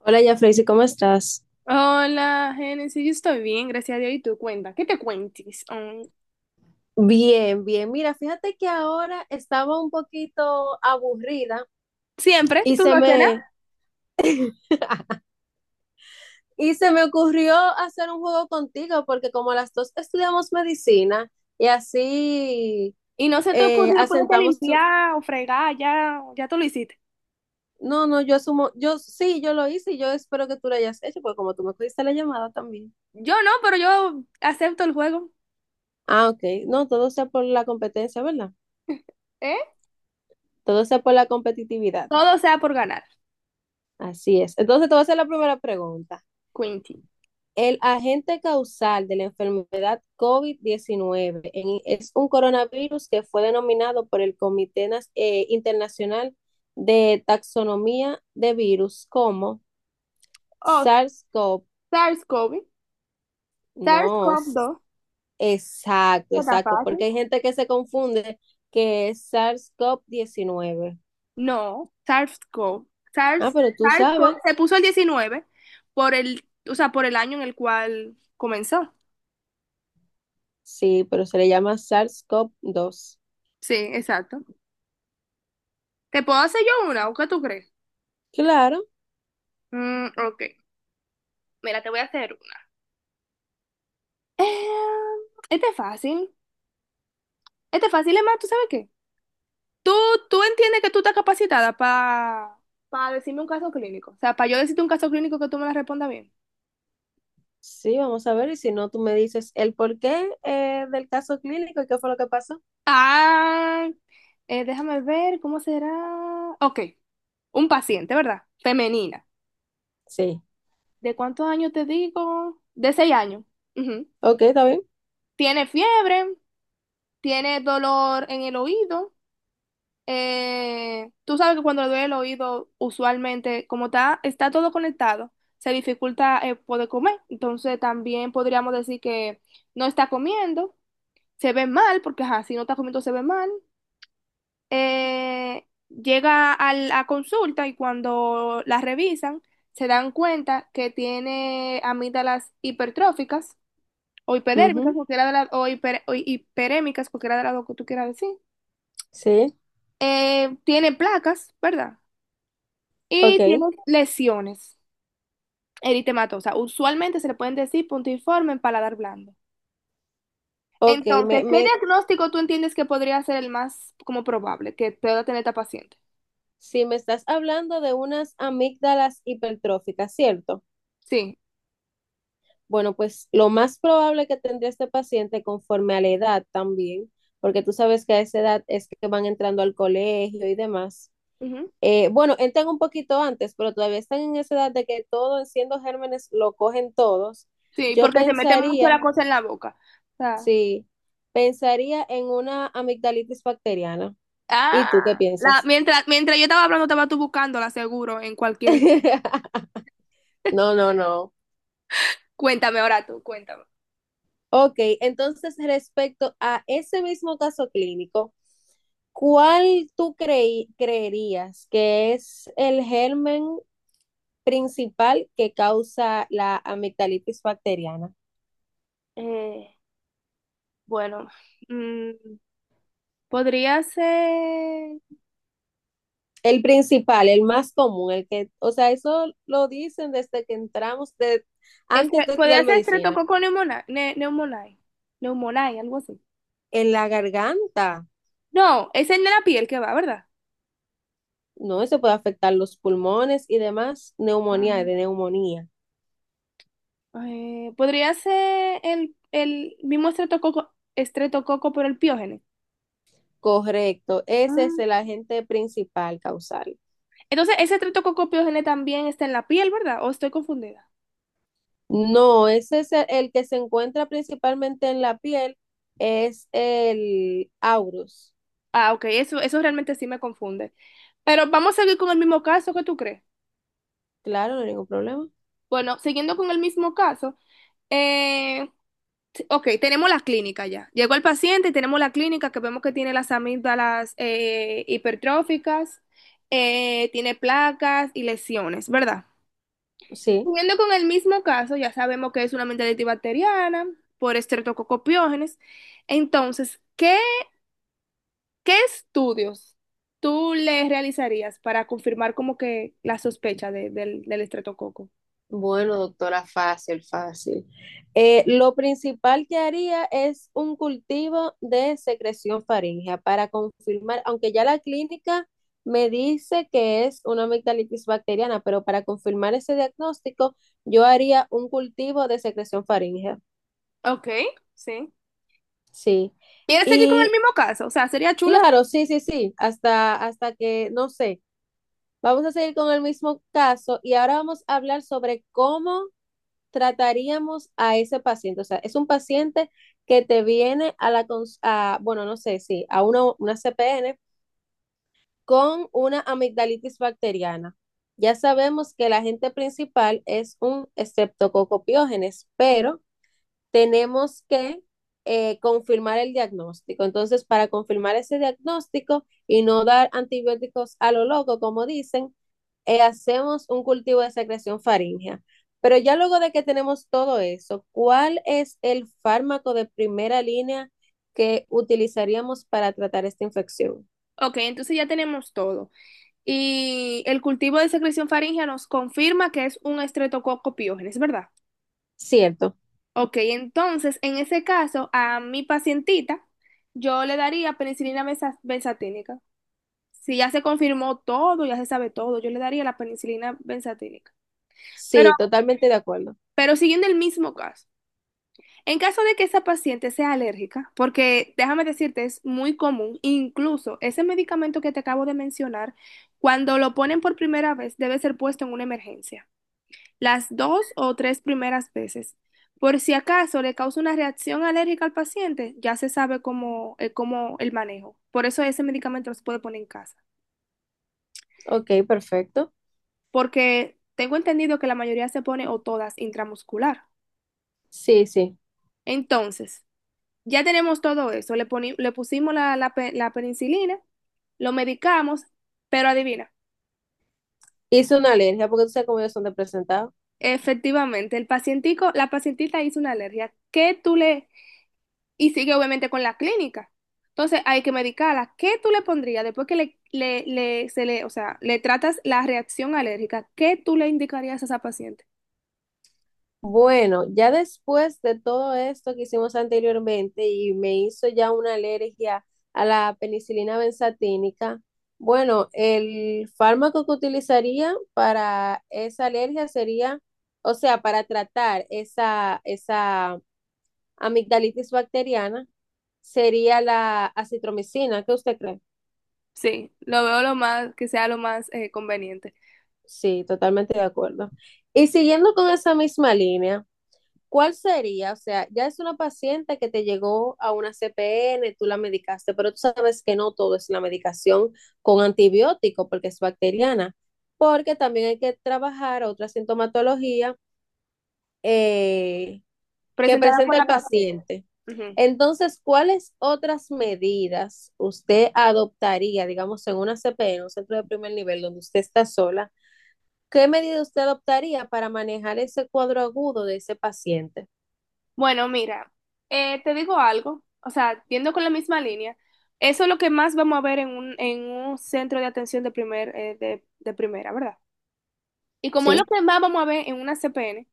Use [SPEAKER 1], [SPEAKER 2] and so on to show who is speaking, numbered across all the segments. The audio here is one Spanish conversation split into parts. [SPEAKER 1] Hola, ya Freysi, ¿cómo estás?
[SPEAKER 2] Hola, Génesis, yo estoy bien, gracias a Dios. ¿Y tú cuenta? ¿Qué te cuentes? Mm,
[SPEAKER 1] Bien, bien. Mira, fíjate que ahora estaba un poquito aburrida
[SPEAKER 2] siempre,
[SPEAKER 1] y
[SPEAKER 2] tú
[SPEAKER 1] se
[SPEAKER 2] no haces
[SPEAKER 1] me,
[SPEAKER 2] nada.
[SPEAKER 1] y se me ocurrió hacer un juego contigo porque como las dos estudiamos medicina y así
[SPEAKER 2] ¿Y no se te ocurrió ponerte a
[SPEAKER 1] asentamos... tu-
[SPEAKER 2] limpiar o fregar? Ya, ya tú lo hiciste.
[SPEAKER 1] No, no, yo asumo, yo sí, yo lo hice y yo espero que tú lo hayas hecho porque como tú me cogiste la llamada también.
[SPEAKER 2] Yo no, pero yo acepto el juego.
[SPEAKER 1] Ah, ok. No, todo sea por la competencia, ¿verdad?
[SPEAKER 2] ¿Eh?
[SPEAKER 1] Todo sea por la competitividad.
[SPEAKER 2] Todo sea por ganar.
[SPEAKER 1] Así es. Entonces te voy a hacer la primera pregunta.
[SPEAKER 2] Quinty.
[SPEAKER 1] El agente causal de la enfermedad COVID-19 en- es un coronavirus que fue denominado por el Comité Nas- Internacional de Taxonomía de Virus como
[SPEAKER 2] Oh,
[SPEAKER 1] SARS-CoV.
[SPEAKER 2] SARS-CoV.
[SPEAKER 1] No,
[SPEAKER 2] SARS-CoV-2.
[SPEAKER 1] s-
[SPEAKER 2] Dos.
[SPEAKER 1] exacto,
[SPEAKER 2] ¿Qué tan
[SPEAKER 1] exacto, porque
[SPEAKER 2] fácil?
[SPEAKER 1] hay gente que se confunde que es sars cov 19.
[SPEAKER 2] No, SARS-CoV.
[SPEAKER 1] Ah,
[SPEAKER 2] SARS,
[SPEAKER 1] pero tú sabes,
[SPEAKER 2] SARS-CoV. Se puso el 19 por el, o sea, por el año en el cual comenzó.
[SPEAKER 1] sí, pero se le llama sars cov 2.
[SPEAKER 2] Sí, exacto. ¿Te puedo hacer yo una o qué tú crees?
[SPEAKER 1] Claro.
[SPEAKER 2] Ok, mira, te voy a hacer una. Eh, este es fácil. Este es fácil, es más, ¿tú sabes qué? Tú, tú entiendes que tú estás capacitada para decirme un caso clínico. O sea, para yo decirte un caso clínico que tú me la respondas bien.
[SPEAKER 1] Sí, vamos a ver, y si no, tú me dices el porqué del caso clínico y qué fue lo que pasó.
[SPEAKER 2] Ah, déjame ver, ¿cómo será? Ok, un paciente, ¿verdad? Femenina.
[SPEAKER 1] Sí,
[SPEAKER 2] ¿De cuántos años te digo? De seis años. Ujú.
[SPEAKER 1] ok, está bien.
[SPEAKER 2] Tiene fiebre, tiene dolor en el oído, tú sabes que cuando le duele el oído, usualmente, como está, está todo conectado, se dificulta, poder comer. Entonces también podríamos decir que no está comiendo, se ve mal, porque ajá, si no está comiendo se ve mal. Llega a la consulta y cuando la revisan, se dan cuenta que tiene amígdalas hipertróficas o hipodérmicas,
[SPEAKER 1] Ujú,
[SPEAKER 2] cualquiera de las, o, o hiperémicas, cualquiera de las dos que tú quieras decir.
[SPEAKER 1] sí,
[SPEAKER 2] Tiene placas, ¿verdad? Y
[SPEAKER 1] ok,
[SPEAKER 2] tiene lesiones eritematosas. Usualmente se le pueden decir puntiforme en paladar blando.
[SPEAKER 1] ok, me,
[SPEAKER 2] Entonces, ¿qué
[SPEAKER 1] me,
[SPEAKER 2] diagnóstico tú entiendes que podría ser el más como probable que pueda tener esta paciente?
[SPEAKER 1] si me estás hablando de unas amígdalas hipertróficas, ¿cierto?
[SPEAKER 2] Sí.
[SPEAKER 1] Bueno, pues lo más probable que tendría este paciente conforme a la edad también, porque tú sabes que a esa edad es que van entrando al colegio y demás.
[SPEAKER 2] Ujú.
[SPEAKER 1] Bueno, entran un poquito antes, pero todavía están en esa edad de que todo, siendo gérmenes, lo cogen todos.
[SPEAKER 2] Sí,
[SPEAKER 1] Yo
[SPEAKER 2] porque se mete mucho la
[SPEAKER 1] pensaría,
[SPEAKER 2] cosa en la boca. O sea,
[SPEAKER 1] sí, pensaría en una amigdalitis bacteriana.
[SPEAKER 2] ah,
[SPEAKER 1] ¿Y tú qué piensas?
[SPEAKER 2] mientras yo estaba hablando, estaba tú buscándola seguro en cualquier.
[SPEAKER 1] No, no, no.
[SPEAKER 2] Cuéntame ahora tú, cuéntame.
[SPEAKER 1] Ok, entonces respecto a ese mismo caso clínico, ¿cuál tú creí- creerías que es el germen principal que causa la amigdalitis bacteriana?
[SPEAKER 2] Eh, bueno, mm, podría ser.
[SPEAKER 1] El principal, el más común, el que, o sea, eso lo dicen desde que entramos, de,
[SPEAKER 2] Este,
[SPEAKER 1] antes de estudiar
[SPEAKER 2] podría ser
[SPEAKER 1] medicina.
[SPEAKER 2] estreptococco pneumoniae, algo así.
[SPEAKER 1] En la garganta,
[SPEAKER 2] No, es en la piel que va, ¿verdad?
[SPEAKER 1] no, eso puede afectar los pulmones y demás, neumonía,
[SPEAKER 2] Ah.
[SPEAKER 1] de neumonía.
[SPEAKER 2] Podría ser el mismo estreptococo, pero el piógene.
[SPEAKER 1] Correcto, ese
[SPEAKER 2] Ah,
[SPEAKER 1] es el agente principal causal.
[SPEAKER 2] entonces, ese estreptococo piógene también está en la piel, ¿verdad? ¿O estoy confundida?
[SPEAKER 1] No, ese es el que se encuentra principalmente en la piel, es el aurus.
[SPEAKER 2] Ah, ok, eso realmente sí me confunde. Pero vamos a seguir con el mismo caso, ¿qué tú crees?
[SPEAKER 1] Claro, no hay ningún problema.
[SPEAKER 2] Bueno, siguiendo con el mismo caso, eh, sí, ok, tenemos la clínica ya. Llegó el paciente y tenemos la clínica que vemos que tiene las amígdalas, hipertróficas, tiene placas y lesiones, ¿verdad?
[SPEAKER 1] Sí.
[SPEAKER 2] Siguiendo con el mismo caso, ya sabemos que es una amigdalitis bacteriana por estreptococopiógenes. Entonces, ¿qué estudios tú le realizarías para confirmar como que la sospecha del estreptococo?
[SPEAKER 1] Bueno, doctora, fácil, fácil. Lo principal que haría es un cultivo de secreción faríngea para confirmar, aunque ya la clínica me dice que es una amigdalitis bacteriana, pero para confirmar ese diagnóstico, yo haría un cultivo de secreción faríngea.
[SPEAKER 2] Ok, sí.
[SPEAKER 1] Sí.
[SPEAKER 2] ¿Quieres seguir con el
[SPEAKER 1] Y
[SPEAKER 2] mismo caso? O sea, sería chulo.
[SPEAKER 1] claro, sí, sí, sí, hasta, hasta que, no sé, vamos a seguir con el mismo caso y ahora vamos a hablar sobre cómo trataríamos a ese paciente. O sea, es un paciente que te viene a la, cons- a, bueno, no sé, sí, a una CPN con una amigdalitis bacteriana. Ya sabemos que el agente principal es un estreptococo estreptococopiógenes, pero tenemos que confirmar el diagnóstico. Entonces, para confirmar ese diagnóstico y no dar antibióticos a lo loco, como dicen, hacemos un cultivo de secreción faríngea. Pero ya luego de que tenemos todo eso, ¿cuál es el fármaco de primera línea que utilizaríamos para tratar esta infección?
[SPEAKER 2] Ok, entonces ya tenemos todo. Y el cultivo de secreción faríngea nos confirma que es un estreptococo piógenes, ¿verdad?
[SPEAKER 1] Cierto,
[SPEAKER 2] Ok, entonces en ese caso, a mi pacientita, yo le daría penicilina benzatínica. Si ya se confirmó todo, ya se sabe todo, yo le daría la penicilina benzatínica. Pero,
[SPEAKER 1] sí, totalmente de acuerdo.
[SPEAKER 2] pero siguiendo el mismo caso. En caso de que esa paciente sea alérgica, porque déjame decirte, es muy común, incluso ese medicamento que te acabo de mencionar, cuando lo ponen por primera vez, debe ser puesto en una emergencia, las dos o tres primeras veces. Por si acaso le causa una reacción alérgica al paciente, ya se sabe cómo el manejo. Por eso ese medicamento no se puede poner en casa,
[SPEAKER 1] Ok, perfecto.
[SPEAKER 2] porque tengo entendido que la mayoría se pone o todas intramuscular.
[SPEAKER 1] Sí, sí.
[SPEAKER 2] Entonces, ya tenemos todo eso. Le pusimos la penicilina, lo medicamos, pero adivina,
[SPEAKER 1] Hice una alergia porque tú sabes cómo ellos son de presentado.
[SPEAKER 2] efectivamente, la pacientita hizo una alergia. Y sigue obviamente con la clínica. Entonces hay que medicarla. ¿Qué tú le pondrías después que o sea, le tratas la reacción alérgica? ¿Qué tú le indicarías a esa paciente?
[SPEAKER 1] Bueno, ya después de todo esto que hicimos anteriormente y me hizo ya una alergia a la penicilina benzatínica, bueno, el fármaco que utilizaría para esa alergia sería, o sea, para tratar esa, esa amigdalitis bacteriana, sería la acitromicina. ¿Qué usted cree?
[SPEAKER 2] Sí, lo veo que sea lo más conveniente.
[SPEAKER 1] Sí, totalmente de acuerdo. Y siguiendo con esa misma línea. ¿Cuál sería? O sea, ya es una paciente que te llegó a una CPN, tú la medicaste, pero tú sabes que no todo es la medicación con antibiótico porque es bacteriana, porque también hay que trabajar otra sintomatología eh, que
[SPEAKER 2] Presentada por
[SPEAKER 1] presenta el
[SPEAKER 2] la paciente.
[SPEAKER 1] paciente.
[SPEAKER 2] Ujú.
[SPEAKER 1] Entonces, ¿cuáles otras medidas usted adoptaría, digamos, en una CPN, un centro de primer nivel donde usted está sola? ¿Qué medida usted adoptaría para manejar ese cuadro agudo de ese paciente?
[SPEAKER 2] Bueno, mira, te digo algo, o sea, yendo con la misma línea, eso es lo que más vamos a ver en un centro de atención de primera, ¿verdad? Y como es lo
[SPEAKER 1] Sí.
[SPEAKER 2] que más vamos a ver en una CPN,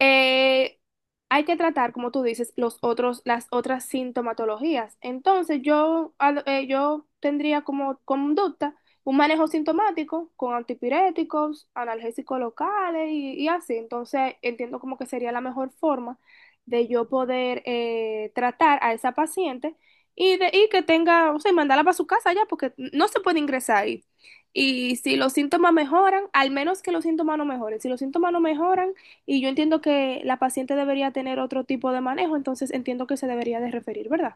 [SPEAKER 2] eh, hay que tratar, como tú dices, las otras sintomatologías. Entonces, yo tendría como conducta un manejo sintomático con antipiréticos, analgésicos locales y así. Entonces, entiendo como que sería la mejor forma de yo poder tratar a esa paciente y que tenga, o sea, y mandarla para su casa ya, porque no se puede ingresar ahí. Y si los síntomas mejoran, al menos que los síntomas no mejoren, si los síntomas no mejoran, y yo entiendo que la paciente debería tener otro tipo de manejo, entonces entiendo que se debería de referir, ¿verdad?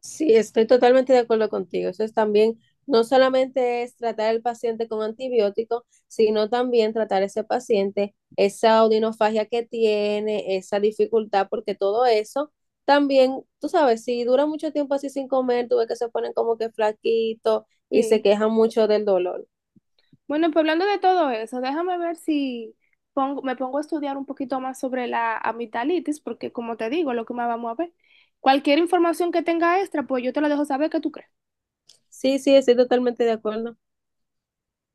[SPEAKER 1] Sí, estoy totalmente de acuerdo contigo. Eso es también, no solamente es tratar al paciente con antibióticos, sino también tratar a ese paciente esa odinofagia que tiene, esa dificultad, porque todo eso también, tú sabes, si dura mucho tiempo así sin comer, tú ves que se ponen como que flaquitos y se
[SPEAKER 2] Sí.
[SPEAKER 1] quejan mucho del dolor.
[SPEAKER 2] Bueno, pues hablando de todo eso, déjame ver si me pongo a estudiar un poquito más sobre la amigdalitis, porque como te digo, es lo que más vamos a ver. Cualquier información que tenga extra, pues yo te lo dejo saber, ¿qué tú crees?
[SPEAKER 1] Sí, sí, estoy totalmente de acuerdo.